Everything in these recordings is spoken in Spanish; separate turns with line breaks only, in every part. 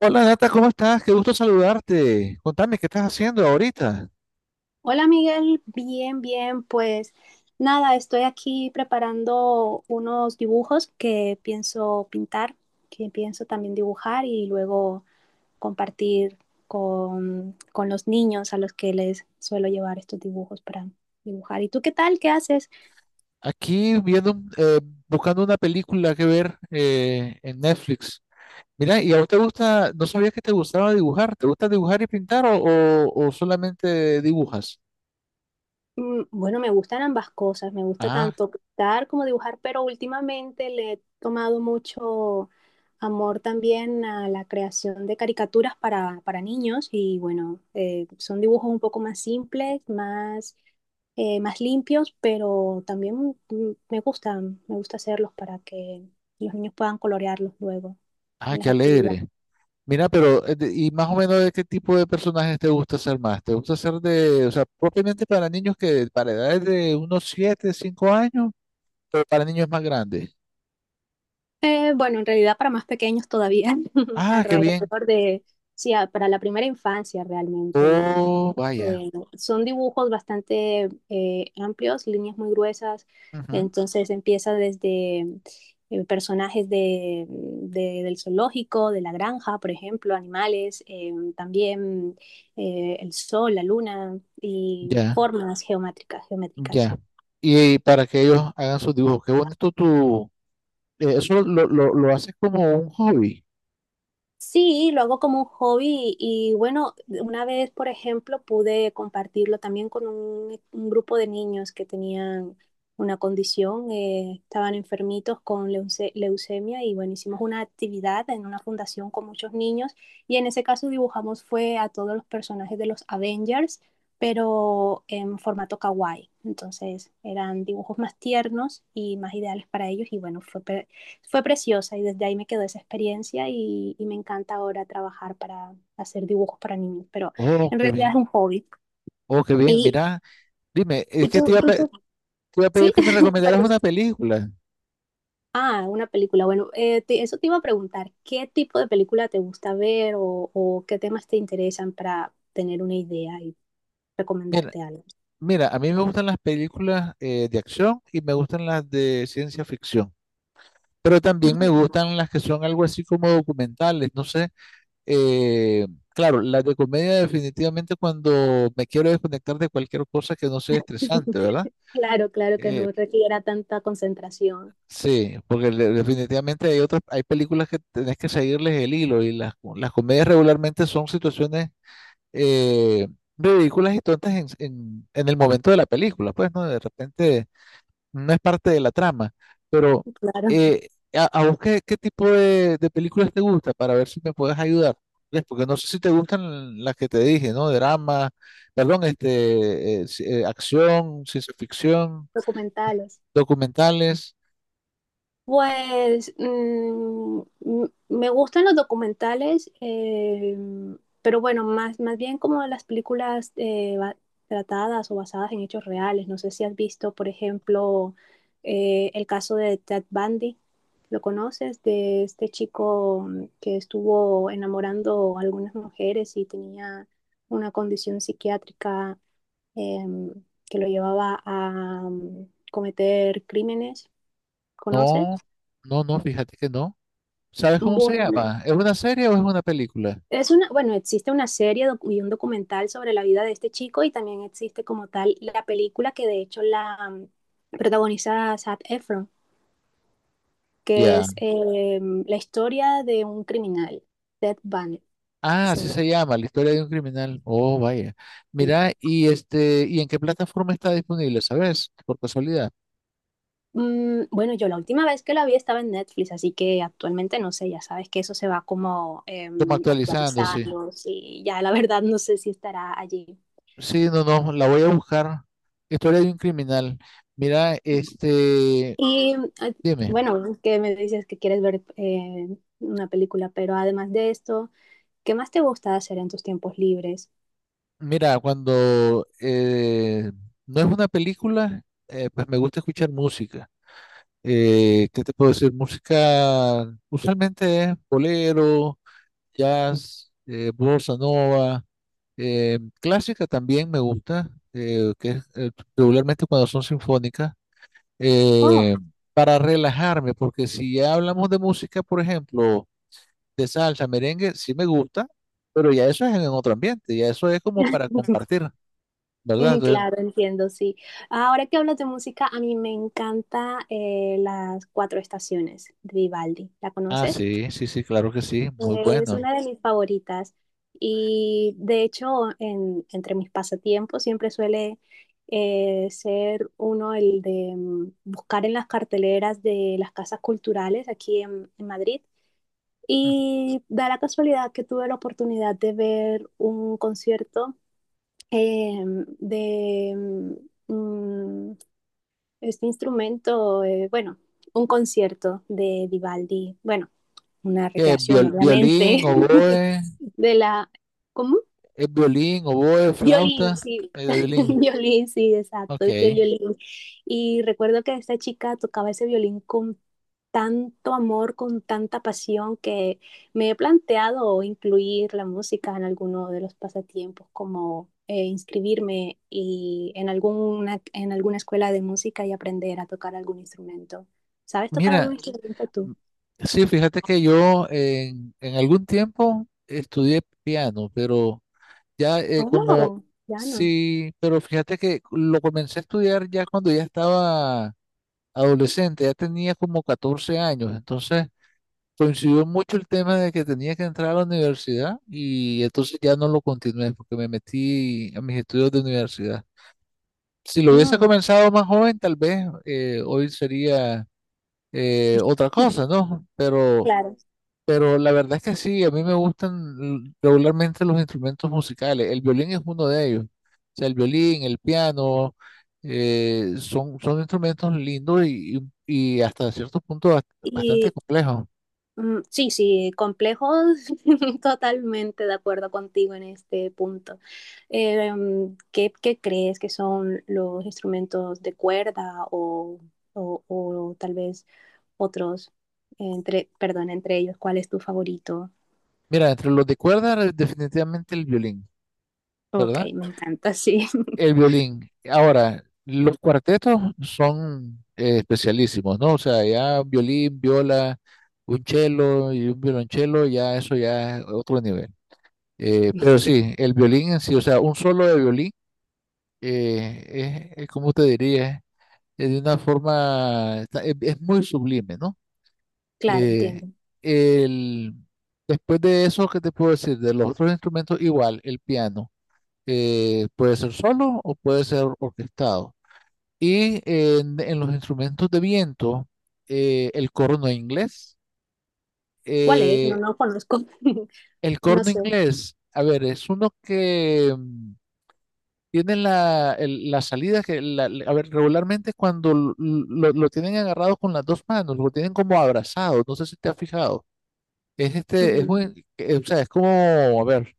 Hola Nata, ¿cómo estás? Qué gusto saludarte. Contame, ¿qué estás haciendo ahorita?
Hola Miguel, bien, bien, pues nada, estoy aquí preparando unos dibujos que pienso pintar, que pienso también dibujar y luego compartir con los niños a los que les suelo llevar estos dibujos para dibujar. ¿Y tú qué tal? ¿Qué haces?
Aquí viendo, buscando una película que ver en Netflix. Mira, ¿y a vos te gusta, no sabía que te gustaba dibujar? ¿Te gusta dibujar y pintar o solamente dibujas?
Bueno, me gustan ambas cosas, me gusta
Ah,
tanto pintar como dibujar, pero últimamente le he tomado mucho amor también a la creación de caricaturas para niños y bueno, son dibujos un poco más simples, más, más limpios, pero también me gustan, me gusta hacerlos para que los niños puedan colorearlos luego
ah,
en las
qué alegre.
actividades.
Mira, pero, ¿y más o menos de qué tipo de personajes te gusta hacer más? ¿Te gusta hacer de, o sea, propiamente para niños que, para edades de unos 7, 5 años, pero para niños más grandes?
Bueno, en realidad para más pequeños todavía,
Ah, qué bien.
alrededor de, sí, para la primera infancia realmente.
Oh, vaya.
Eh, son dibujos bastante amplios, líneas muy gruesas,
Ujú.
entonces empieza desde personajes del zoológico, de la granja, por ejemplo, animales, también el sol, la luna y
Ya,
formas geométricas, geométricas.
ya. Y para que ellos hagan sus dibujos. Qué bonito tu... Eso lo haces como un hobby.
Sí, lo hago como un hobby y bueno, una vez, por ejemplo, pude compartirlo también con un grupo de niños que tenían una condición, estaban enfermitos con leucemia y bueno, hicimos una actividad en una fundación con muchos niños y en ese caso dibujamos fue a todos los personajes de los Avengers, pero en formato kawaii. Entonces eran dibujos más tiernos y más ideales para ellos y bueno, fue preciosa y desde ahí me quedó esa experiencia y me encanta ahora trabajar para hacer dibujos para niños, pero
Oh,
en
qué
realidad es
bien.
un hobby.
Oh, qué bien.
Y,
Mira, dime, es
y
que
tú, tú,
te
tú,
iba a pedir
sí,
que me recomendaras una
perdón.
película.
Ah, una película. Bueno, eso te iba a preguntar, ¿qué tipo de película te gusta ver o qué temas te interesan para tener una idea y
Mira,
recomendarte algo?
mira, a mí me gustan las películas de acción y me gustan las de ciencia ficción. Pero también me gustan las que son algo así como documentales. No sé. Claro, las de comedia definitivamente cuando me quiero desconectar de cualquier cosa que no sea estresante, ¿verdad?
Claro, claro que
Eh,
no requiera tanta concentración.
sí, porque definitivamente hay otras, hay películas que tenés que seguirles el hilo y las comedias regularmente son situaciones eh, ridículas y tontas en el momento de la película, pues, ¿no? De repente no es parte de la trama, pero
Claro,
a vos qué tipo de películas te gusta para ver si me puedes ayudar. ¿Ves? Porque no sé si te gustan las que te dije, ¿no? Drama, perdón, este, acción, ciencia ficción,
documentales.
documentales.
Pues me gustan los documentales, pero bueno, más, más bien como las películas tratadas o basadas en hechos reales. No sé si has visto, por ejemplo, el caso de Ted Bundy. ¿Lo conoces? De este chico que estuvo enamorando a algunas mujeres y tenía una condición psiquiátrica, em, que lo llevaba a mm, cometer crímenes. ¿Conoces?
No, no, fíjate que no. ¿Sabes cómo se
Bueno,
llama? ¿Es una serie o es una película?
es una, bueno, existe una serie y un documental sobre la vida de este chico y también existe como tal la película que de hecho la protagoniza Zac Efron, que
Ya.
es la historia de un criminal, Ted Bundy
Ah,
se
así
llama
se llama, La historia de un criminal. Oh, vaya.
así.
Mira, y este, ¿y en qué plataforma está disponible, sabes? Por casualidad.
Bueno, yo la última vez que la vi estaba en Netflix, así que actualmente no sé, ya sabes que eso se va como
Como actualizando, sí.
actualizando, sí, ya la verdad no sé si estará allí.
Sí, no, no, la voy a buscar. Historia de un criminal. Mira, este,
Y ah,
dime,
bueno, que me dices que quieres ver una película, pero además de esto, ¿qué más te gusta hacer en tus tiempos libres?
mira, cuando no es una película, pues me gusta escuchar música. ¿Qué te puedo decir? Música usualmente es bolero, jazz, bossa nova, clásica también me gusta, que es regularmente cuando son sinfónicas.
Oh,
eh, para relajarme, porque si ya hablamos de música, por ejemplo, de salsa, merengue, sí me gusta, pero ya eso es en otro ambiente, ya eso es como para compartir, ¿verdad?
mm,
Entonces,
claro, entiendo, sí. Ahora que hablas de música, a mí me encanta las cuatro estaciones de Vivaldi. ¿La
ah,
conoces?
sí, sí, sí, claro que sí, muy
Eh, Es
bueno.
una de mis favoritas. Y de hecho, entre mis pasatiempos siempre suele ser uno el de buscar en las carteleras de las casas culturales aquí en Madrid.
Mm.
Y da la casualidad que tuve la oportunidad de ver un concierto eh, de mm, mm, este instrumento, bueno, un concierto de Vivaldi. Bueno, una
¿Qué?
recreación,
Violín,
obviamente,
oboe,
de la, ¿cómo?
es violín, oboe,
Violín,
flauta,
sí,
de violín.
violín, sí, exacto,
Ok,
de violín. Y recuerdo que esta chica tocaba ese violín con tanto amor, con tanta pasión, que me he planteado incluir la música en alguno de los pasatiempos, como inscribirme y en alguna escuela de música y aprender a tocar algún instrumento. ¿Sabes tocar algún
mira,
instrumento tú?
m- sí, fíjate que yo en algún tiempo estudié piano, pero... Ya eh, como,
Oh, ya no.
sí, pero fíjate que lo comencé a estudiar ya cuando ya estaba adolescente, ya tenía como 14 años, entonces coincidió mucho el tema de que tenía que entrar a la universidad y entonces ya no lo continué porque me metí a mis estudios de universidad. Si lo hubiese
Mm.
comenzado más joven, tal vez hoy sería otra cosa, ¿no?
Claro.
Pero la verdad es que sí, a mí me gustan regularmente los instrumentos musicales. El violín es uno de ellos. O sea, el violín, el piano, son instrumentos lindos y hasta cierto punto bastante
Y
complejos.
sí, sí, complejo, totalmente de acuerdo contigo en este punto. ¿Qué, qué crees que son los instrumentos de cuerda o, o tal vez otros, entre, perdón, entre ellos, ¿cuál es tu favorito?
Mira, entre los de cuerda, definitivamente el violín,
Ok,
¿verdad?
me encanta, sí.
El violín. Ahora, los cuartetos son especialísimos, ¿no? O sea, ya violín, viola, un cello y un violonchelo, ya eso ya es otro nivel. Pero sí, el violín en sí, o sea, un solo de violín, es como te diría, es de una forma, es muy sublime, ¿no?
Claro,
Eh,
entiendo.
el, después de eso, ¿qué te puedo decir? De los otros instrumentos, igual, el piano, puede ser solo o puede ser orquestado. Y en los instrumentos de viento, eh, el corno inglés,
¿Cuál es? No,
eh,
no conozco.
el
No
corno
sé.
inglés, a ver, es uno que... tienen la salida a ver, regularmente es cuando lo tienen agarrado con las dos manos, lo tienen como abrazado, no sé si te has fijado. Es este,
Ujú.
es muy, o sea, es como, a ver,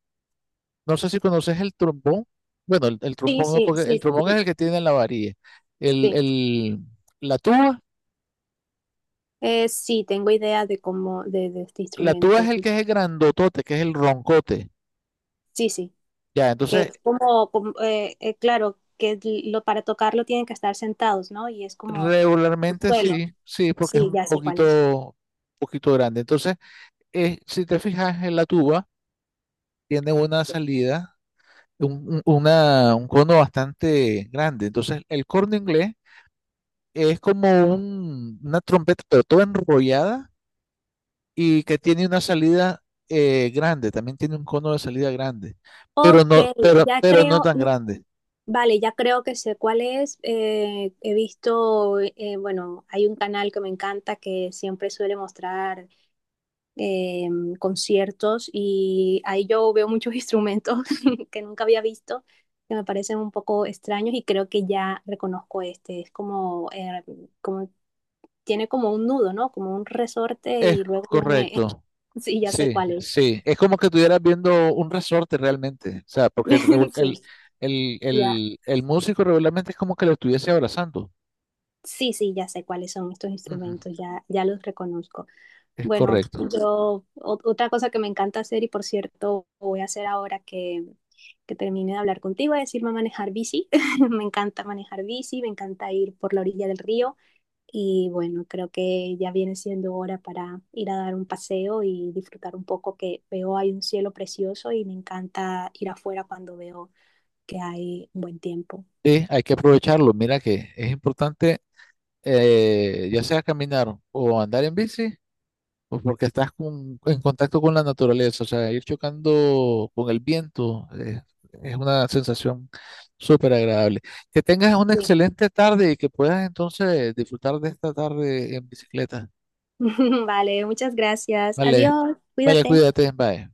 no sé si conoces el trombón. Bueno, el
Sí,
trombón no,
sí,
porque el
sí,
trombón es el que tiene la varilla. El,
sí.
el, la tuba,
Sí, tengo idea de cómo, de este
la tuba es
instrumento.
el que es el grandotote, que es el roncote.
Sí, sí,
Ya,
que
entonces,
es como, como, claro, que lo, para tocarlo tienen que estar sentados, ¿no? Y es como
regularmente
suelo.
sí, sí, porque es
Sí,
un
ya sé cuál es.
poquito, poquito grande. Entonces, si te fijas en la tuba, tiene una salida, un cono bastante grande. Entonces, el corno inglés es como una trompeta, pero toda enrollada y que tiene una salida grande, también tiene un cono de salida grande,
Ok, ya
pero no
creo,
tan grande.
vale, ya creo que sé cuál es. He visto, bueno, hay un canal que me encanta que siempre suele mostrar eh, conciertos y ahí yo veo muchos instrumentos que nunca había visto, que me parecen un poco extraños y creo que ya reconozco este, es como, como tiene como un nudo, ¿no? Como un resorte
Es
y luego lo
correcto.
sí, ya sé
Sí,
cuál es.
sí, es como que estuvieras viendo un resorte realmente, o sea, porque el, revol-
Sí, ya.
el músico regularmente es como que lo estuviese abrazando.
Sí, sí, ya sé cuáles son estos
Ujú.
instrumentos, ya, ya los reconozco.
Es
Bueno,
correcto.
yo otra cosa que me encanta hacer y por cierto voy a hacer ahora que termine de hablar contigo es irme a manejar bici. Me encanta manejar bici, me encanta ir por la orilla del río y bueno, creo que ya viene siendo hora para ir a dar un paseo y disfrutar un poco que veo hay un cielo precioso y me encanta ir afuera cuando veo que hay un buen tiempo.
Sí, hay que aprovecharlo. Mira que es importante, ya sea caminar o andar en bici, o porque estás en contacto con la naturaleza, o sea, ir chocando con el viento, es una sensación súper agradable. Que tengas una
Sí.
excelente tarde y que puedas entonces disfrutar de esta tarde en bicicleta.
Vale, muchas gracias.
Vale,
Adiós,
vale,
cuídate.
cuídate, bye.